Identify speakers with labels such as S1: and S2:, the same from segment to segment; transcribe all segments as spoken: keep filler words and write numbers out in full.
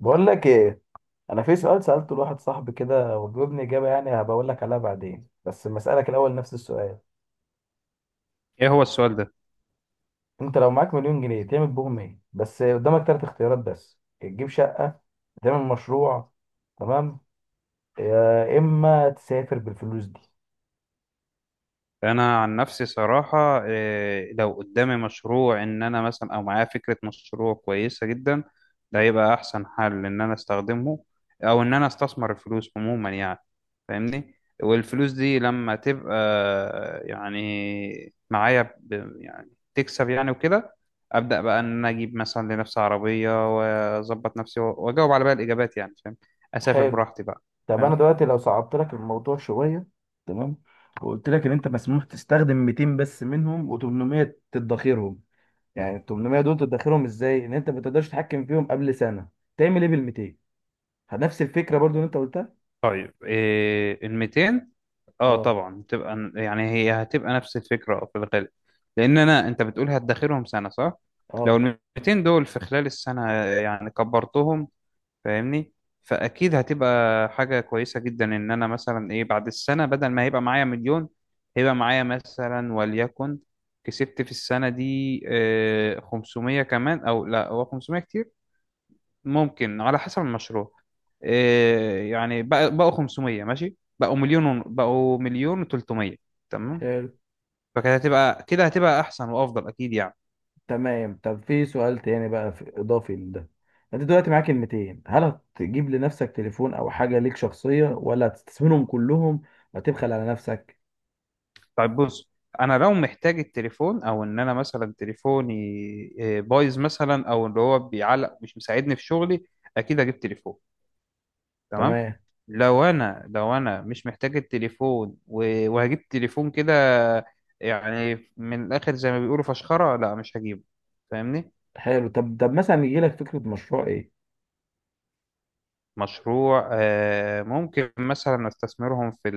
S1: بقول لك ايه. انا في سؤال سالته لواحد صاحبي كده وجاوبني اجابه، يعني هبقول لك عليها بعدين، بس لما اسالك الاول نفس السؤال.
S2: ايه هو السؤال ده؟
S1: انت لو معاك مليون جنيه تعمل بهم ايه؟ بس قدامك ثلاث اختيارات، بس يا تجيب شقه، تعمل مشروع، تمام، يا اما تسافر بالفلوس دي.
S2: انا عن نفسي صراحة إيه لو قدامي مشروع ان انا مثلا او معايا فكرة مشروع كويسة جدا، ده هيبقى احسن حل ان انا استخدمه، او ان انا استثمر الفلوس عموما يعني. فاهمني؟ والفلوس دي لما تبقى يعني معايا ب- يعني تكسب يعني وكده، ابدا بقى ان انا اجيب مثلا لنفسي عربية واظبط نفسي واجاوب على بقى الاجابات يعني. فاهم؟ اسافر
S1: حلو.
S2: براحتي بقى.
S1: طب انا
S2: فاهم.
S1: دلوقتي لو صعبت لك الموضوع شويه، تمام، وقلت لك ان انت مسموح تستخدم مئتين بس منهم و800 تدخرهم. يعني ال تمنمية دول تدخرهم ازاي؟ ان انت ما تقدرش تتحكم فيهم قبل سنه. تعمل ايه بال200؟ نفس الفكرة برضو اللي انت قلتها.
S2: طيب إيه ال ميتين؟ اه
S1: اه.
S2: طبعا تبقى يعني هي هتبقى نفس الفكره في الغالب، لان انا انت بتقول هتدخلهم سنه صح؟ لو
S1: اه.
S2: ال مئتين دول في خلال السنه يعني كبرتهم، فاهمني؟ فاكيد هتبقى حاجه كويسه جدا ان انا مثلا ايه بعد السنه، بدل ما هيبقى معايا مليون هيبقى معايا مثلا وليكن كسبت في السنه دي آه، خمسمية كمان، او لا هو خمسمية كتير، ممكن على حسب المشروع. إيه يعني بقى- بقوا خمسمية، ماشي بقوا مليون ون- بقوا مليون و300. تمام.
S1: حلو.
S2: فكده هتبقى كده هتبقى احسن وافضل اكيد يعني.
S1: تمام. طب في سؤال تاني بقى، في اضافي لده. انت دلوقتي معاك كلمتين، هل هتجيب لنفسك تليفون او حاجة ليك شخصية، ولا هتستثمرهم كلهم وتبخل على نفسك؟
S2: طيب بص، انا لو محتاج التليفون او ان انا مثلا تليفوني إيه، بايظ مثلا او اللي هو بيعلق مش مساعدني في شغلي، اكيد اجيب تليفون، تمام.
S1: تمام.
S2: لو انا لو انا مش محتاج التليفون و- وهجيب تليفون كده، يعني من الاخر زي ما بيقولوا فشخره، لا مش هجيبه، فاهمني؟
S1: حلو. طب طب مثلا يجي لك فكرة مشروع ايه؟
S2: مشروع، آه، ممكن مثلا استثمرهم في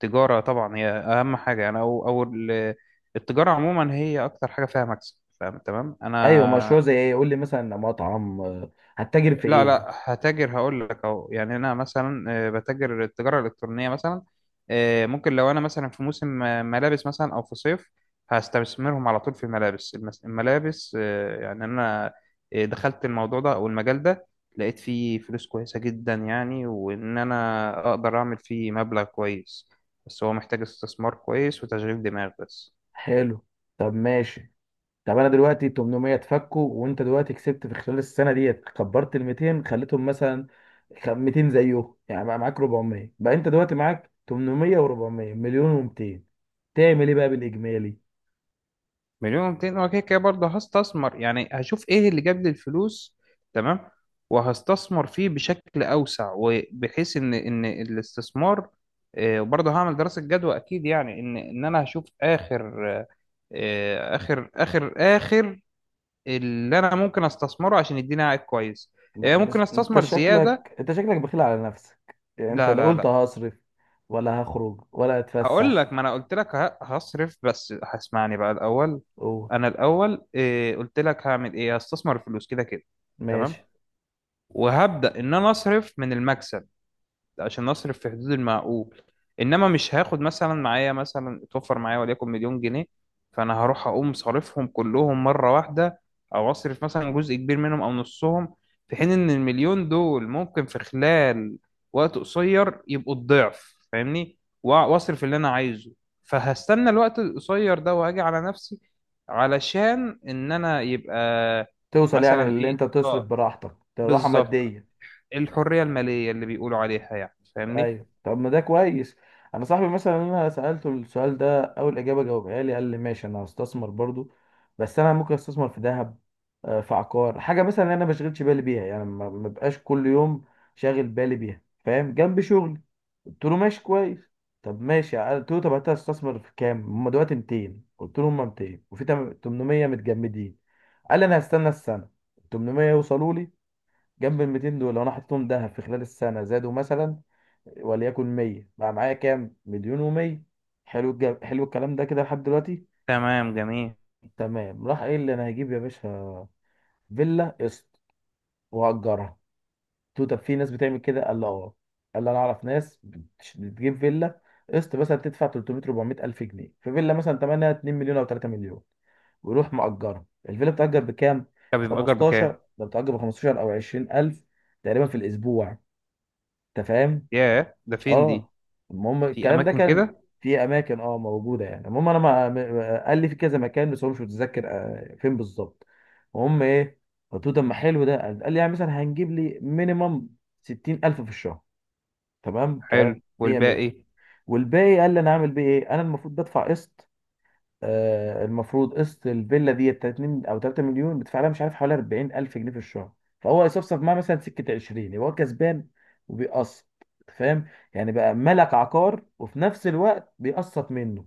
S2: التجارة، طبعا هي أهم حاجة أنا أو أو ال- التجارة عموما هي أكتر حاجة فيها مكسب، فاهم تمام
S1: ايوه،
S2: أنا.
S1: مشروع زي ايه؟ قول لي، مثلا مطعم، آه، هتتاجر في
S2: لا
S1: ايه؟
S2: لا هتاجر، هقول لك اهو، يعني انا مثلا آه، بتاجر التجاره الالكترونيه مثلا. آه، ممكن لو انا مثلا في موسم آه، ملابس مثلا او في صيف، هستثمرهم على طول في الملابس المس- الملابس. آه، يعني انا آه، دخلت الموضوع ده او المجال ده، لقيت فيه فلوس كويسه جدا يعني، وان انا اقدر اعمل فيه مبلغ كويس، بس هو محتاج استثمار كويس وتشغيل دماغ بس.
S1: حلو. طب ماشي. طب انا دلوقتي تمنمية اتفكوا وانت دلوقتي كسبت في خلال السنه ديت، كبرت ال ميتين خليتهم مثلا خ- ميتين زيه، يعني بقى معاك اربعمية، بقى انت دلوقتي معاك تمنمية و400، مليون و200. تعمل ايه بقى بالاجمالي؟
S2: مليون ومتين، هو كده كده برضه هستثمر، يعني هشوف ايه اللي جاب لي الفلوس، تمام، وهستثمر فيه بشكل اوسع، وبحيث ان ان الاستثمار آه، وبرضه هعمل دراسة جدوى اكيد، يعني ان ان انا هشوف اخر آه، آه، اخر اخر اخر اللي انا ممكن استثمره عشان يديني عائد كويس.
S1: لا،
S2: آه،
S1: انت
S2: ممكن
S1: انت
S2: استثمر زيادة.
S1: شكلك انت شكلك بخيل على نفسك، يعني انت
S2: لا
S1: لا
S2: لا
S1: قلت
S2: لا،
S1: هصرف ولا هخرج ولا
S2: هقول
S1: هتفسح.
S2: لك، ما انا قلت لك ه- هصرف، بس هسمعني بقى الاول.
S1: اوه.
S2: انا الاول آه، قلت لك هعمل ايه، هستثمر الفلوس كده كده، تمام،
S1: ماشي.
S2: وهبدأ إن أنا أصرف من المكسب عشان أصرف في حدود المعقول. إنما مش هاخد مثلا معايا مثلا اتوفر معايا وليكن مليون جنيه، فأنا هروح أقوم صارفهم كلهم مرة واحدة أو أصرف مثلا جزء كبير منهم أو نصهم، في حين إن المليون دول ممكن في خلال وقت قصير يبقوا الضعف، فاهمني؟ وأ- وأصرف اللي أنا عايزه، فهستنى الوقت القصير ده وأجي على نفسي علشان إن أنا يبقى
S1: توصل يعني
S2: مثلا
S1: اللي
S2: إيه،
S1: انت تصرف
S2: آه،
S1: براحتك، ده راحه
S2: بالظبط،
S1: ماديه.
S2: الحرية المالية اللي بيقولوا عليها يعني، فاهمني؟
S1: ايوه. طب ما ده كويس. انا صاحبي مثلا انا سالته السؤال ده، اول اجابه جاوبها لي قال لي ماشي انا هستثمر برضو، بس انا ممكن استثمر في ذهب، آه، في عقار، حاجه مثلا انا ما بشغلش بالي بيها، يعني ما ما بقاش كل يوم شاغل بالي بيها، فاهم، جنب شغلي. قلت له ماشي، كويس. طب ماشي. قلت له طب انت هتستثمر في كام؟ هم دلوقتي ميتين. قلت له هم ميتين، وفي تم- تمنمية متجمدين. قال لي انا هستنى السنه، تمنمية يوصلوا لي جنب ال ميتين دول، لو انا حطيتهم ذهب في خلال السنه زادوا مثلا وليكن مية، بقى معايا كام؟ مليون و100. حلو الج- حلو الكلام ده كده لحد دلوقتي.
S2: تمام جميل.
S1: تمام. راح قايل لي انا هجيب يا باشا فيلا قسط وهأجرها. قلت له طب في ناس بتعمل كده؟ قال لي اه. قال لي انا اعرف ناس بتش- بتجيب فيلا قسط، مثلا تدفع تلتمية أربعمائة الف جنيه في فيلا مثلا ثمنها اتنين مليون او تلاتة مليون، ويروح مأجرها. الفيلا بتأجر بكام؟
S2: طب
S1: ب
S2: يبقى أجر بكام؟
S1: خمستاشر، ده بتأجر ب خمستاشر او عشرين الف تقريبا في الاسبوع. انت فاهم؟
S2: ياه، ده فين دي؟
S1: اه. المهم
S2: في
S1: الكلام ده
S2: أماكن
S1: كان
S2: كده.
S1: في اماكن، اه، موجوده يعني. المهم انا، ما ما- قال لي في كذا مكان بس هو مش متذكر، آه، فين بالظبط. المهم ايه؟ قلت له طب ما حلو ده. قال لي يعني مثلا هنجيب لي مينيمم ستين الف في الشهر. تمام. ك
S2: حلو،
S1: مية مية،
S2: والباقي؟
S1: والباقي قال لي انا اعمل بيه ايه؟ انا المفروض بدفع قسط. آه، المفروض قسط الفيلا دي اتنين او تلاتة مليون بتدفع لها، مش عارف، حوالي اربعين الف جنيه في الشهر. فهو يصفصف معاه مثلا سكه عشرين، يبقى هو كسبان وبيقسط. أنت فاهم؟ يعني بقى ملك عقار وفي نفس الوقت بيقسط منه.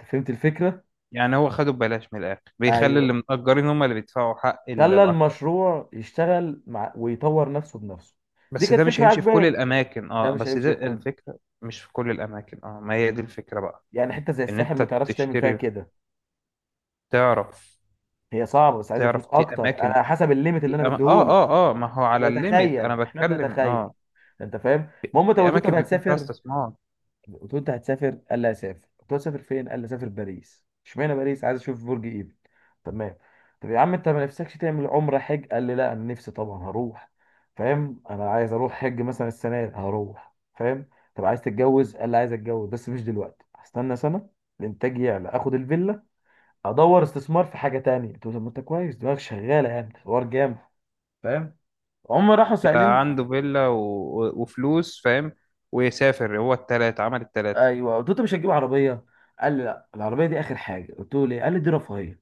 S1: انت فهمت الفكره؟
S2: يعني هو خده ببلاش من الآخر، بيخلي اللي
S1: ايوه.
S2: متأجرين هم اللي بيدفعوا حق ال-
S1: خلى
S2: العقار.
S1: المشروع يشتغل مع ويطور نفسه بنفسه. دي
S2: بس
S1: كانت
S2: ده مش
S1: فكره
S2: هيمشي في كل
S1: عجبان.
S2: الأماكن،
S1: ده
S2: اه،
S1: مش
S2: بس ده
S1: هيمشي في كله،
S2: الفكرة مش في كل الأماكن، اه، ما هي دي الفكرة بقى.
S1: يعني حته زي
S2: إن
S1: الساحل
S2: أنت
S1: ما تعرفش تعمل فيها
S2: تشتري،
S1: كده،
S2: تعرف،
S1: هي صعبه بس عايزه
S2: تعرف
S1: فلوس
S2: في
S1: اكتر،
S2: أماكن،
S1: انا حسب الليميت اللي انا
S2: في أما... اه
S1: مديهوله
S2: اه اه، ما هو على الليميت
S1: بتخيل.
S2: أنا
S1: احنا
S2: بتكلم،
S1: بنتخيل.
S2: اه.
S1: انت فاهم؟ المهم. طب
S2: في
S1: قلت له طب
S2: أماكن بيكون فيها
S1: هتسافر؟
S2: استثمار.
S1: قلت له انت هتسافر؟ قال لي هسافر. قلت له هتسافر فين؟ قال لي هسافر باريس. اشمعنى باريس؟ عايز اشوف برج ايفل. تمام. طب يا عم انت ما نفسكش تعمل عمره، حج؟ قال لي لا انا نفسي طبعا هروح، فاهم، انا عايز اروح حج مثلا السنه دي هروح، فاهم. طب عايز تتجوز؟ قال لي عايز اتجوز بس مش دلوقتي، هستنى سنه الانتاج يعلى، اخد الفيلا، ادور استثمار في حاجه تانية. قلت له طب ما انت كويس، دماغك شغاله، يعني حوار جامد. فاهم؟ هم راحوا
S2: يبقى
S1: سائلين.
S2: عنده فيلا و... و- وفلوس، فاهم؟ ويسافر، هو التلاتة عمل التلاتة.
S1: ايوه. قلت له انت مش هتجيب عربيه؟ قال لي لا، العربيه دي اخر حاجه. قلت له ليه؟ قال لي دي رفاهيه،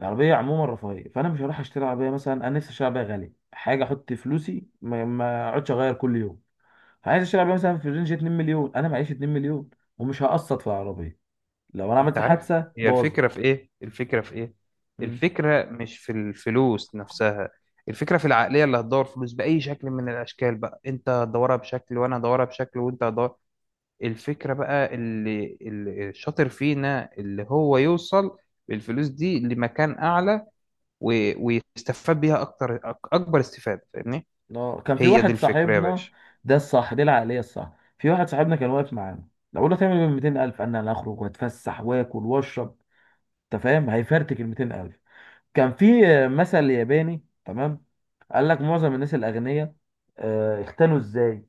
S1: العربيه عموما رفاهيه، فانا مش هروح اشتري عربيه. مثلا انا نفسي اشتري عربيه غاليه حاجه، احط فلوسي، ما ما اقعدش اغير كل يوم. عايز اشتري عربيه مثلا في رينج اثنين مليون، انا معيش اتنين مليون، ومش هقسط في العربيه، لو انا
S2: انت
S1: عملت
S2: عارف،
S1: حادثه
S2: هي
S1: باظت.
S2: الفكرة في ايه؟ الفكرة في ايه؟
S1: مم.
S2: الفكرة مش في الفلوس نفسها، الفكرة في العقلية، اللي هتدور فلوس بأي شكل من الأشكال بقى، انت هتدورها بشكل وانا هدورها بشكل وانت هتدور. الفكرة بقى اللي, اللي الشاطر فينا اللي هو يوصل بالفلوس دي لمكان أعلى و... ويستفاد بيها أكتر أك- أكبر استفادة، فاهمني؟
S1: اه. كان في
S2: هي دي
S1: واحد
S2: الفكرة يا
S1: صاحبنا.
S2: باشا.
S1: ده الصح، دي العقليه الصح. في واحد صاحبنا كان واقف معانا، لو قلنا تعمل ب مئتين ألف قال لي انا هخرج واتفسح واكل واشرب. انت فاهم؟ هيفرتك ال ميتين الف. كان في مثل ياباني. تمام. قال لك معظم الناس الاغنياء، آه، اختلوا ازاي.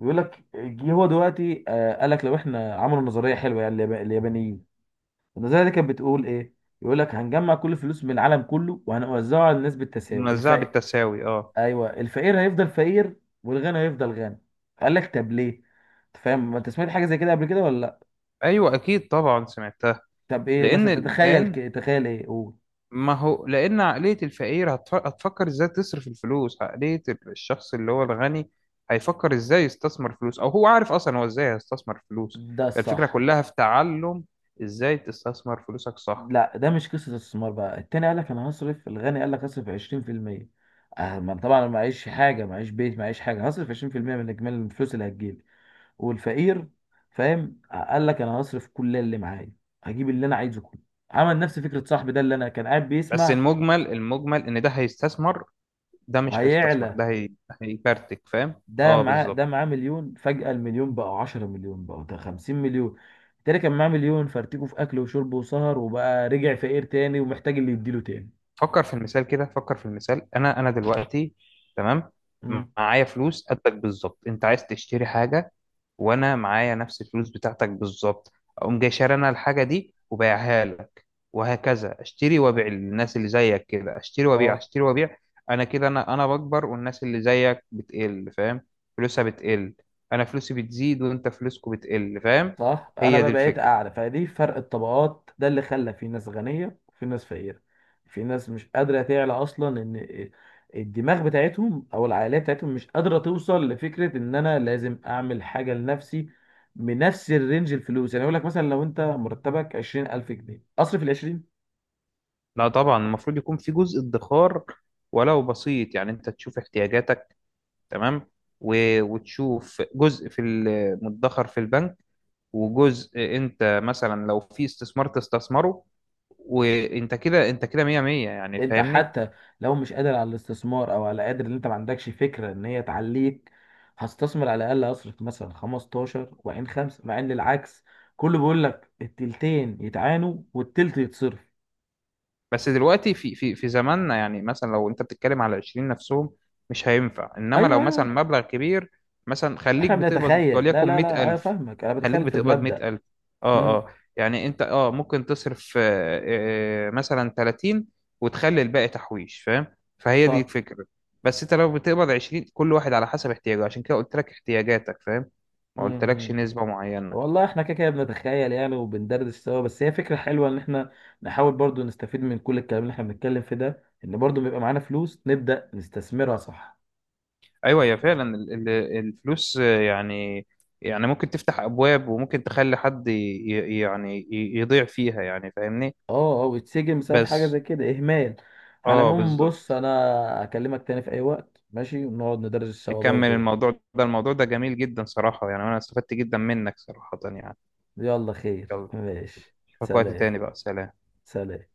S1: بيقول لك جه هو دلوقتي، آه، قال لك لو احنا عملوا نظريه حلوه، يعني اليابا- اليابانيين. النظريه دي كانت بتقول ايه؟ يقول لك هنجمع كل الفلوس من العالم كله، وهنوزعها على الناس بالتساوي.
S2: منزعة
S1: الفقير.
S2: بالتساوي، اه.
S1: ايوه. الفقير هيفضل فقير، والغني هيفضل غني. قال لك طب ليه. أنت فاهم؟ ما انت سمعت حاجه زي كده قبل كده ولا لا؟
S2: ايوه اكيد طبعا سمعتها.
S1: طب ايه
S2: لان
S1: مثلا تتخيل؟
S2: الان،
S1: ك- تخيل ايه؟ قول.
S2: ما هو لان عقليه الفقير هتف- هتفكر ازاي تصرف الفلوس، عقليه الشخص اللي هو الغني هيفكر ازاي يستثمر فلوس، او هو عارف اصلا هو ازاي هيستثمر فلوس.
S1: ده
S2: الفكره
S1: الصح.
S2: كلها في تعلم ازاي تستثمر فلوسك صح.
S1: لا ده مش قصة استثمار بقى. التاني قال لك انا هصرف. الغني قال لك هصرف عشرين في المية، آه، ما طبعا أنا معيش حاجة، معيش بيت، معيش حاجة، هصرف عشرين في المئة من اجمالي الفلوس اللي هتجيلي. والفقير، فاهم، آه، قال لك انا هصرف كل اللي معايا، هجيب اللي انا عايزه كله. عمل نفس فكرة صاحبي ده اللي انا كان قاعد
S2: بس
S1: بيسمع.
S2: المجمل، المجمل ان ده هيستثمر، ده مش هيستثمر،
S1: وهيعلى.
S2: ده هي... هيكارتك، فاهم؟
S1: ده
S2: اه
S1: معاه ده
S2: بالظبط.
S1: معاه مليون، فجأة المليون بقى عشرة مليون، بقى ده خمسين مليون. التاني كان معاه مليون، فرتكه في اكل وشرب وسهر، وبقى رجع فقير تاني ومحتاج اللي يديله تاني.
S2: فكر في المثال كده، فكر في المثال، انا انا دلوقتي، تمام،
S1: مم.
S2: معايا فلوس قدك بالظبط، انت عايز تشتري حاجه، وانا معايا نفس الفلوس بتاعتك بالظبط، اقوم جاي شاري انا الحاجه دي وبيعها لك، وهكذا اشتري وابيع للناس اللي زيك كده، اشتري وابيع
S1: اه.
S2: اشتري وابيع. انا كده انا انا بكبر، والناس اللي زيك بتقل، فاهم؟ فلوسها بتقل، انا فلوسي بتزيد وانت فلوسكو بتقل، فاهم؟
S1: صح. انا
S2: هي
S1: بقى
S2: دي
S1: بقيت
S2: الفكره.
S1: اعلى، فدي فرق الطبقات ده اللي خلى في ناس غنيه وفي ناس فقيره. في ناس مش قادره تعلى اصلا، ان الدماغ بتاعتهم او العقليه بتاعتهم مش قادره توصل لفكره ان انا لازم اعمل حاجه لنفسي بنفس الرينج الفلوس. يعني اقول لك مثلا لو انت مرتبك عشرين الف جنيه، اصرف ال.
S2: لا طبعا، المفروض يكون في جزء ادخار، ولو بسيط، يعني انت تشوف احتياجاتك، تمام، و- وتشوف جزء في ال- مدخر في البنك، وجزء انت مثلا لو في استثمار تستثمره، وانت كده انت كده مية مية يعني،
S1: انت
S2: فاهمني؟
S1: حتى لو مش قادر على الاستثمار، او على قادر ان انت ما عندكش فكره ان هي تعليك، هستثمر على الاقل، اصرف مثلا خمسة عشر وعين خمسه، مع ان العكس كله بيقول لك التلتين يتعانوا والتلت يتصرف.
S2: بس دلوقتي في في في زماننا يعني، مثلا لو انت بتتكلم على عشرين نفسهم مش هينفع، انما
S1: ايوه،
S2: لو مثلا
S1: ايوه.
S2: مبلغ كبير، مثلا خليك
S1: احنا
S2: بتقبض
S1: بنتخيل. لا،
S2: وليكن
S1: لا، لا، انا
S2: مئة الف،
S1: فاهمك، انا
S2: خليك
S1: بتخيل في
S2: بتقبض
S1: المبدأ.
S2: مئة الف، اه
S1: امم
S2: اه، يعني انت اه ممكن تصرف آه، آه، مثلا ثلاثين، وتخلي الباقي تحويش، فاهم؟ فهي دي
S1: صح.
S2: الفكرة. بس انت لو بتقبض عشرين، كل واحد على حسب احتياجه، عشان كده قلت لك احتياجاتك، فاهم؟ ما قلتلكش
S1: امم
S2: نسبة معينة.
S1: والله احنا كده كده بنتخيل يعني، وبندردش سوا، بس هي فكره حلوه ان احنا نحاول برضو نستفيد من كل الكلام اللي احنا بنتكلم في ده، ان برضو بيبقى معانا فلوس نبدأ نستثمرها. صح.
S2: ايوه هي فعلا ال- ال- الفلوس آه، يعني، يعني ممكن تفتح ابواب وممكن تخلي حد ي- ي- يعني ي- يضيع فيها يعني، فاهمني؟
S1: اه، اه. ويتسجن بسبب حاجه
S2: بس.
S1: زي كده، اهمال. على
S2: اه
S1: العموم بص،
S2: بالظبط،
S1: انا اكلمك تاني في اي وقت، ماشي، ونقعد ندرس سوا
S2: نكمل
S1: برضو.
S2: الموضوع ده، الموضوع ده جميل جدا صراحة يعني، انا استفدت جدا منك صراحة يعني.
S1: يلا، خير،
S2: يلا.
S1: ماشي.
S2: اشوفك وقت
S1: سلام.
S2: تاني بقى، سلام.
S1: سلام.